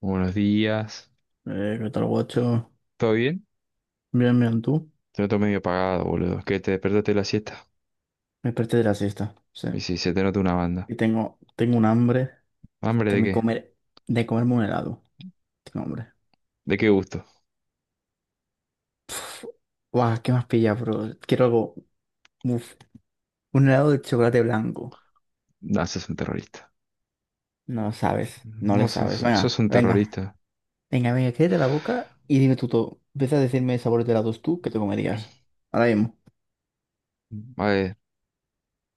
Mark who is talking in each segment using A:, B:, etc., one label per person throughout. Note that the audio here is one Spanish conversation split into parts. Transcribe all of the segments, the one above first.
A: Buenos días.
B: ¿Qué tal, guacho?
A: ¿Todo bien?
B: Bien, bien, tú.
A: Te noto medio apagado, boludo. Que te despertaste de la siesta.
B: Me desperté de la siesta, sí.
A: Y si se te nota una banda.
B: Y tengo un hambre
A: ¿Hambre
B: de
A: de
B: me
A: qué?
B: comer, de comerme un helado. Tengo hambre.
A: ¿De qué gusto?
B: Pff, guau, ¿qué más pilla, bro? Quiero algo. Uf, un helado de chocolate blanco.
A: No, sos un terrorista.
B: No sabes, no
A: No,
B: le sabes.
A: sos
B: Venga,
A: un
B: venga,
A: terrorista.
B: venga, venga, quédate la boca y dime tú todo. Empieza a decirme sabores de helados tú que te comerías. Ahora mismo.
A: A ver,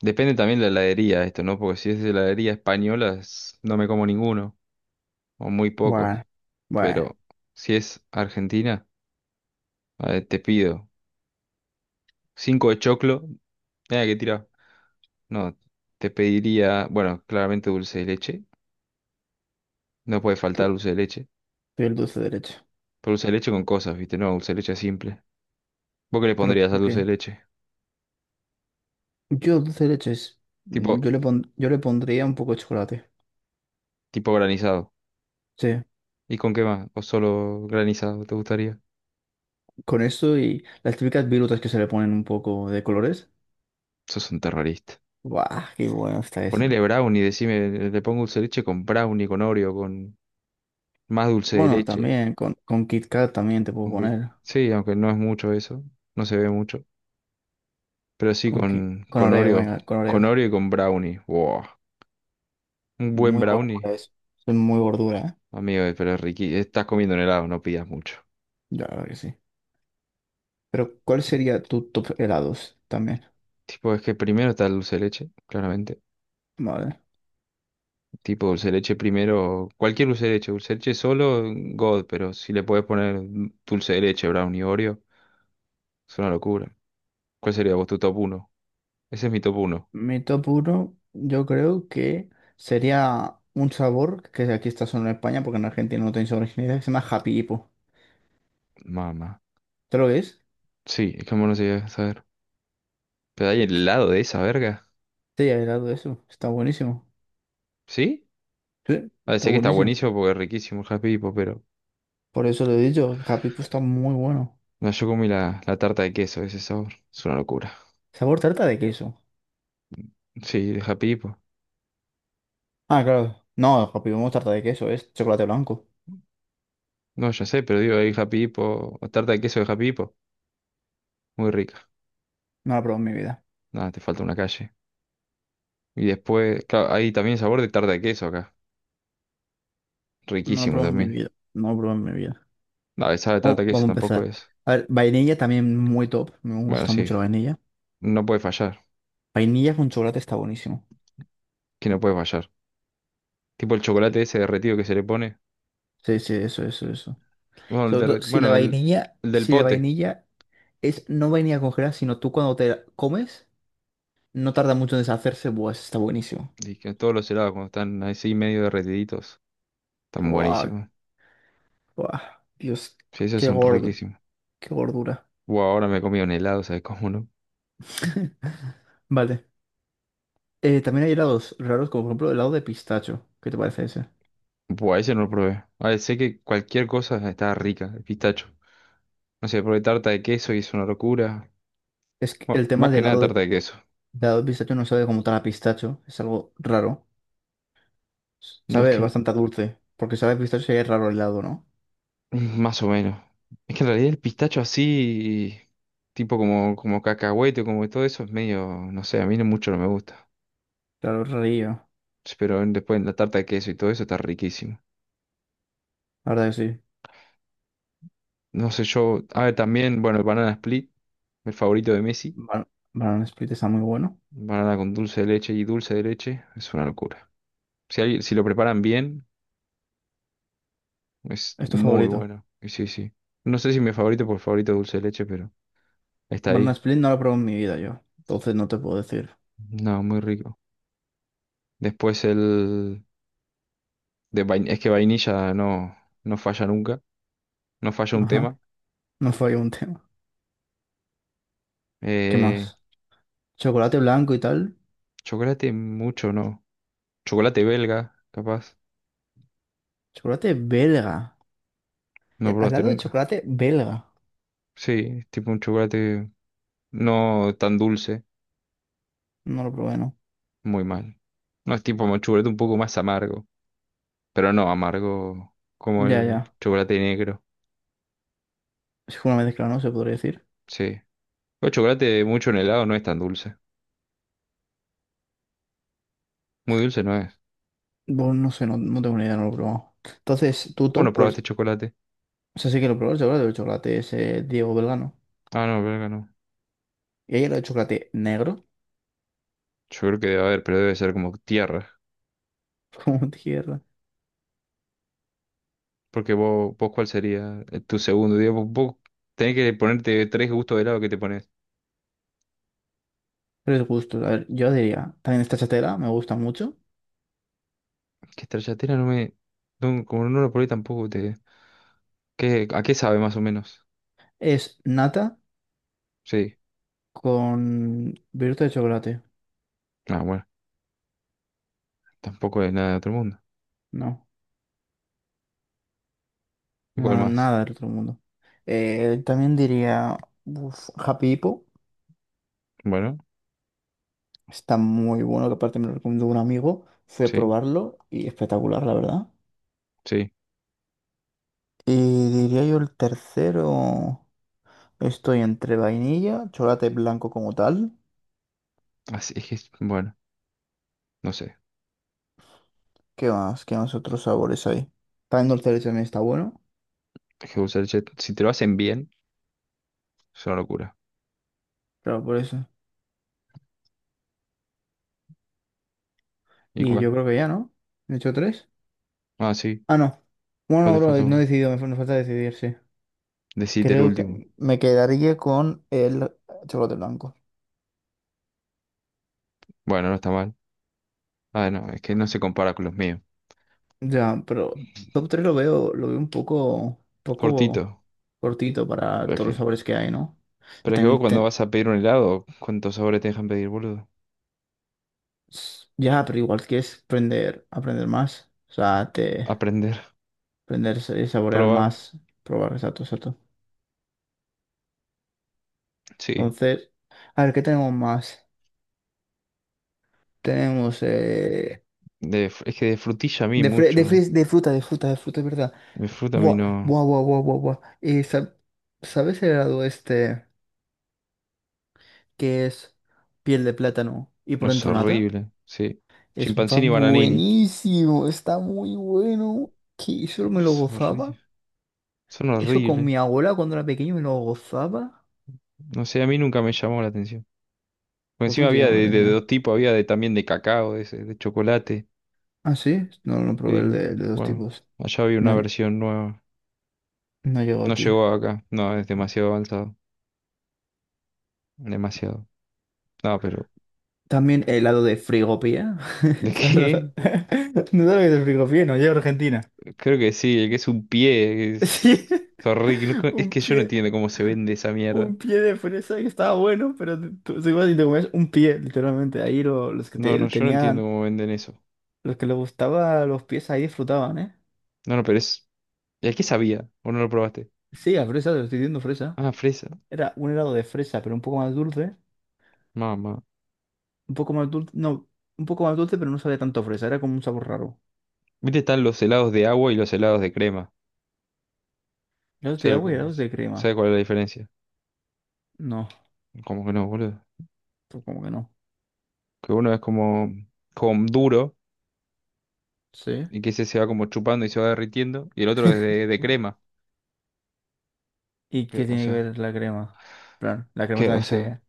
A: depende también de la heladería esto, ¿no? Porque si es de heladería española, no me como ninguno. O muy
B: Bueno,
A: pocos.
B: bueno,
A: Pero si es Argentina, a ver, te pido cinco de choclo. Mira que tira. No, te pediría, bueno, claramente dulce de leche. No puede faltar
B: tú,
A: dulce de leche.
B: tú y el dulce derecho.
A: Pero dulce de leche con cosas, ¿viste? No, dulce de leche simple. ¿Vos qué le
B: ¿Pero
A: pondrías
B: con
A: al dulce de
B: qué?
A: leche?
B: Yo dulce de leche
A: Tipo,
B: yo le pondría un poco de chocolate.
A: tipo granizado.
B: Sí,
A: ¿Y con qué más? ¿O solo granizado te gustaría?
B: con eso y las típicas virutas que se le ponen un poco de colores.
A: Sos un terrorista.
B: ¡Guau! ¡Qué bueno está eso!
A: Ponele brownie, decime, le pongo dulce de leche con brownie, con Oreo, con más dulce de
B: Bueno,
A: leche.
B: también con Kit Kat también te puedo
A: Aunque,
B: poner.
A: sí, aunque no es mucho eso, no se ve mucho. Pero sí
B: Con Oreo, venga, con
A: Con
B: Oreo.
A: Oreo y con brownie. Wow. Un buen
B: Muy
A: brownie.
B: gordura eso. Soy muy gordura, ¿eh?
A: Amigo, pero es riqui. Estás comiendo un helado, no pidas mucho.
B: Ya, claro que sí. Pero, ¿cuál sería tu top helados también?
A: Tipo, es que primero está el dulce de leche, claramente.
B: Vale.
A: Tipo dulce de leche primero, cualquier dulce de leche solo, God, pero si le puedes poner dulce de leche, brownie, Oreo, es una locura. ¿Cuál sería vos tu top uno? Ese es mi top uno.
B: Mi top uno yo creo que sería un sabor que aquí está solo en España, porque en Argentina no tenéis originalidad, que se llama Happy Hippo.
A: Mamá.
B: ¿Te lo ves?
A: Sí, es que no se llega a saber. Pero hay helado de esa verga.
B: Este ya era eso. Está buenísimo.
A: ¿Sí?
B: Sí,
A: A ver,
B: está
A: sé que está
B: buenísimo.
A: buenísimo porque es riquísimo el Happy Hippo, pero.
B: Por eso lo he dicho. El Happy Puff está muy bueno.
A: No, yo comí la tarta de queso, ese sabor. Es una locura.
B: Sabor tarta de queso.
A: Sí, de Happy Hippo.
B: Ah, claro. No, el Happy Puff no es tarta de queso. Es chocolate blanco.
A: No, ya sé, pero digo, hay Happy Hippo o tarta de queso de Happy Hippo. Muy rica.
B: No lo he probado en mi vida.
A: Nada, te falta una calle. Y después, claro, hay también sabor de tarta de queso acá.
B: No lo he
A: Riquísimo
B: probado en mi
A: también.
B: vida. No lo he probado en mi vida.
A: La besada de tarta
B: Vamos,
A: de queso
B: vamos a
A: tampoco
B: empezar.
A: es.
B: A ver, vainilla también muy top. Me
A: Bueno,
B: gusta
A: sí,
B: mucho la vainilla.
A: no puede fallar.
B: Vainilla con chocolate está buenísimo.
A: Que no puede fallar. Tipo el chocolate ese derretido que se le pone.
B: Sí, sí, eso, eso, eso.
A: Bueno, el,
B: Sobre
A: derre-
B: todo si la
A: bueno,
B: vainilla,
A: el del
B: si la
A: pote.
B: vainilla es no vainilla congelada, sino tú cuando te la comes. No tarda mucho en deshacerse. Buah, ese está buenísimo.
A: Y que todos los helados cuando están así medio derretiditos. Están
B: Buah,
A: buenísimos.
B: buah. Dios,
A: Sí, esos
B: qué
A: son
B: gordo.
A: riquísimos.
B: Qué gordura.
A: Buah, ahora me he comido un helado, ¿sabes cómo no?
B: Vale. También hay helados raros, como por ejemplo el helado de pistacho. ¿Qué te parece ese?
A: Buah, ese no lo probé. A ver, sé que cualquier cosa está rica. El pistacho. No sé, probé tarta de queso y es una locura.
B: Es que el
A: Bueno,
B: tema
A: más
B: del
A: que nada
B: helado
A: tarta de queso.
B: del helado de pistacho no sabe como tal a pistacho. Es algo raro.
A: No es
B: Sabe
A: que
B: bastante a dulce. Porque sabe a pistacho sería raro el helado, ¿no?
A: Más o menos. Es que en realidad el pistacho así, tipo como, como cacahuete, como todo eso, es medio, no sé, a mí no mucho no me gusta.
B: Claro, es rarillo.
A: Pero después en la tarta de queso y todo eso está riquísimo.
B: La verdad que sí.
A: No sé, yo, a ver, también, bueno, el banana split, el favorito de Messi.
B: Ban- Banana Split está muy bueno.
A: Banana con dulce de leche y dulce de leche, es una locura. Si, si lo preparan bien, es
B: Es tu
A: muy
B: favorito.
A: bueno. Y sí, sí. No sé si mi favorito por favorito es dulce de leche, pero está
B: Banana
A: ahí.
B: Split no lo he probado en mi vida yo. Entonces no te puedo decir.
A: No, muy rico. Después el... es que vainilla no, no falla nunca, no falla un
B: Ajá.
A: tema.
B: No fue ahí un tema. ¿Qué
A: Eh,
B: más? Chocolate blanco y tal.
A: chocolate mucho, no. Chocolate belga, capaz,
B: Chocolate belga.
A: no
B: Al
A: probaste
B: lado de
A: nunca.
B: chocolate belga.
A: Sí, es tipo un chocolate no tan dulce,
B: No lo probé, ¿no?
A: muy mal. No es tipo un chocolate un poco más amargo, pero no amargo como
B: Ya,
A: el
B: ya.
A: chocolate negro.
B: Es como una mezcla, ¿no? Se podría decir.
A: Sí. El chocolate mucho en helado no es tan dulce. Muy dulce no es.
B: Bueno, no sé, no, no tengo ni idea, no lo he probado. Entonces, ¿tu
A: ¿Cómo no
B: top cuál
A: probaste
B: es?
A: chocolate?
B: O sea, sí que lo probé el chocolate. El chocolate es Diego Belgano.
A: Ah, no, belga no.
B: Y ahí el chocolate negro,
A: Yo creo que debe haber, pero debe ser como tierra.
B: como tierra.
A: Porque vos ¿cuál sería tu segundo? Digo, vos tenés que ponerte tres gustos de helado que te pones.
B: Tres gustos. A ver, yo diría, también esta chatera, me gusta mucho.
A: Que stracciatella no me... no, como no lo probé tampoco te... ¿Qué, a qué sabe más o menos?
B: Es nata
A: Sí.
B: con viruta de chocolate.
A: Ah, bueno. Tampoco es nada de otro mundo.
B: No.
A: ¿Igual
B: No,
A: más?
B: nada del otro mundo. También diría, uf, Happy Hippo,
A: Bueno,
B: está muy bueno, que aparte me lo recomendó un amigo, fui a
A: sí,
B: probarlo y espectacular, la verdad.
A: sí.
B: Y diría yo el tercero, estoy entre vainilla, chocolate blanco como tal,
A: Así es que, bueno, no sé.
B: ¿qué más? ¿Qué más otros sabores hay? También dulce de leche también está bueno,
A: Es que usar el chat- Si te lo hacen bien, es una locura.
B: claro, por eso. Y
A: Igual.
B: yo creo que ya, ¿no? ¿He hecho tres?
A: Ah, sí.
B: Ah, no.
A: Vos
B: Bueno,
A: te
B: bro,
A: falta
B: no he
A: uno.
B: decidido, me falta decidir, sí.
A: Decite el
B: Creo
A: último.
B: que me quedaría con el chocolate blanco.
A: Bueno, no está mal. Ah, no, es que no se compara con los míos.
B: Ya, pero top 3 lo veo un poco,
A: Cortito.
B: poco cortito para todos los sabores que hay, ¿no? Ya,
A: Pero es que vos
B: también
A: cuando
B: te-
A: vas a pedir un helado, ¿cuántos sabores te dejan pedir, boludo?
B: ya, pero igual quieres aprender, aprender más. O sea, te
A: Aprender,
B: aprender y saborear
A: probar.
B: más, probar, exacto, exacto.
A: Sí.
B: Entonces, a ver, ¿qué tenemos más? Tenemos
A: Es que de frutilla a mí mucho.
B: de fruta, de fruta, de fruta, es verdad.
A: De fruta a mí
B: Buah,
A: no,
B: buah, buah, buah, buah, buah. ¿Sabes el helado este que es piel de plátano y
A: no
B: por
A: es
B: dentro nata?
A: horrible. Sí.
B: Es va
A: Chimpancini y bananini.
B: buenísimo, está muy bueno. Que eso
A: No,
B: me lo
A: es
B: gozaba.
A: horrible. Son
B: Eso con
A: horribles.
B: mi abuela cuando era pequeño me lo gozaba.
A: No sé, a mí nunca me llamó la atención. Porque
B: ¿Por qué
A: encima
B: no te
A: había
B: llama la
A: de
B: atención?
A: dos tipos, había de, también de cacao, de, ese, de chocolate.
B: Ah, sí, no, no probé
A: Sí.
B: el de dos
A: Bueno,
B: tipos.
A: allá había una
B: No, lle-
A: versión nueva.
B: no llegó
A: No
B: aquí.
A: llegó acá. No, es demasiado avanzado. Demasiado. No, pero
B: También helado de frigopía.
A: ¿de
B: ¿Sabes lo-
A: qué?
B: ¿No sabes lo que es el frigopía? No llega a Argentina.
A: Creo que sí, el que es un pie
B: Sí.
A: es horrible. No- Es
B: Un
A: que yo no
B: pie,
A: entiendo cómo se vende esa mierda.
B: un pie de fresa que estaba bueno, pero tú ibas y te comías un pie, literalmente. Los que
A: No, no,
B: te,
A: yo no entiendo
B: tenían.
A: cómo venden eso.
B: Los que les gustaba los pies ahí disfrutaban, ¿eh?
A: No, no, pero es... ¿El qué sabía? ¿O no lo probaste?
B: Sí, a fresa, te estoy diciendo fresa.
A: Ah, fresa.
B: Era un helado de fresa, pero un poco más dulce.
A: Mamá.
B: Un poco más dulce, no, un poco más dulce, pero no sabía tanto a fresa. Era como un sabor raro.
A: Viste, están los helados de agua y los helados de crema.
B: Helados de
A: ¿Sabes, lo
B: agua y
A: que-
B: helados de
A: ¿sabes
B: crema.
A: cuál es la diferencia?
B: No,
A: Como que no, boludo.
B: pues como que no.
A: Que uno es como, como duro
B: Sí.
A: y que ese se va como chupando y se va derritiendo. Y el otro es de crema.
B: ¿Y
A: Que,
B: qué
A: o
B: tiene que
A: sea,
B: ver la crema? Plan, la crema
A: que, o
B: también
A: sea...
B: se...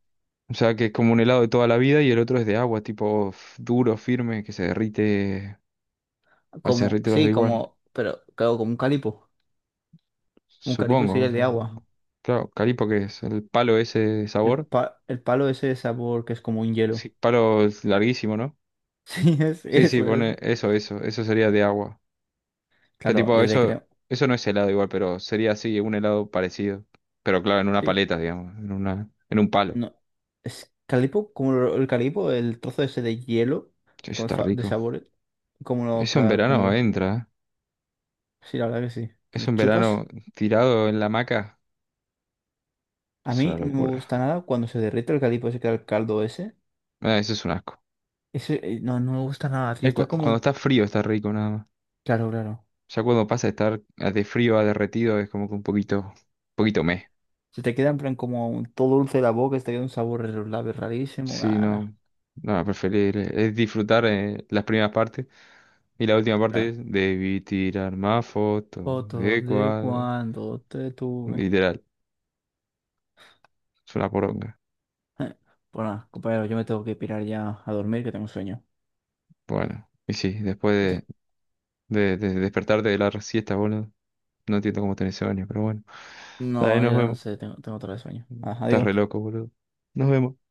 A: O sea, que es como un helado de toda la vida y el otro es de agua, tipo duro, firme, que se derrite, o se
B: Como,
A: derrite los da
B: sí,
A: igual.
B: como, pero claro, como un calipo. Un calipo
A: Supongo.
B: sería el de agua.
A: Claro, calipo que es el palo ese de sabor.
B: El palo ese de sabor que es como un
A: Sí,
B: hielo.
A: palo es larguísimo, ¿no?
B: Sí, es,
A: Sí, sí,
B: eso es.
A: pone eso, eso, eso sería de agua. Pero
B: Claro, y
A: tipo,
B: el de
A: eso,
B: crema.
A: eso no es helado igual, pero sería así, un helado parecido. Pero claro, en una
B: Sí,
A: paleta, digamos, en un palo.
B: no. Es calipo, el calipo, el trozo ese de hielo
A: Che, eso está
B: de
A: rico.
B: sabores.
A: Eso en
B: Como
A: verano
B: lo.
A: entra, ¿eh?
B: Sí, la verdad que sí. Pero
A: Eso en verano
B: chupas.
A: tirado en la hamaca,
B: A
A: es
B: mí
A: una
B: no me gusta
A: locura.
B: nada cuando se derrite el calipo ese, que era el caldo ese.
A: Ah, eso es un asco.
B: Ese, no, no me gusta nada, tío. Está
A: Cuando
B: como.
A: está frío está rico nada más.
B: Claro, claro.
A: Ya cuando pasa de estar de frío a derretido es como que un poquito meh.
B: Se te queda en plan como todo dulce de la boca, se te queda un sabor en los labios rarísimo.
A: Sí,
B: Nah, nah,
A: no, no, preferible. Es disfrutar las primeras partes y la última parte
B: claro.
A: es debí tirar más fotos
B: Fotos
A: de
B: de
A: cuadro.
B: cuando te tuve.
A: Literal, es una poronga.
B: Bueno, compañero, yo me tengo que pirar ya a dormir, que tengo sueño.
A: Bueno, y sí,
B: Otra.
A: después de despertarte de la siesta, boludo. No entiendo cómo tenés sueño, pero bueno. Dale,
B: No,
A: nos
B: yo no
A: vemos.
B: sé, tengo otra vez sueño. Ajá,
A: Estás
B: digo.
A: re loco, boludo. Nos vemos.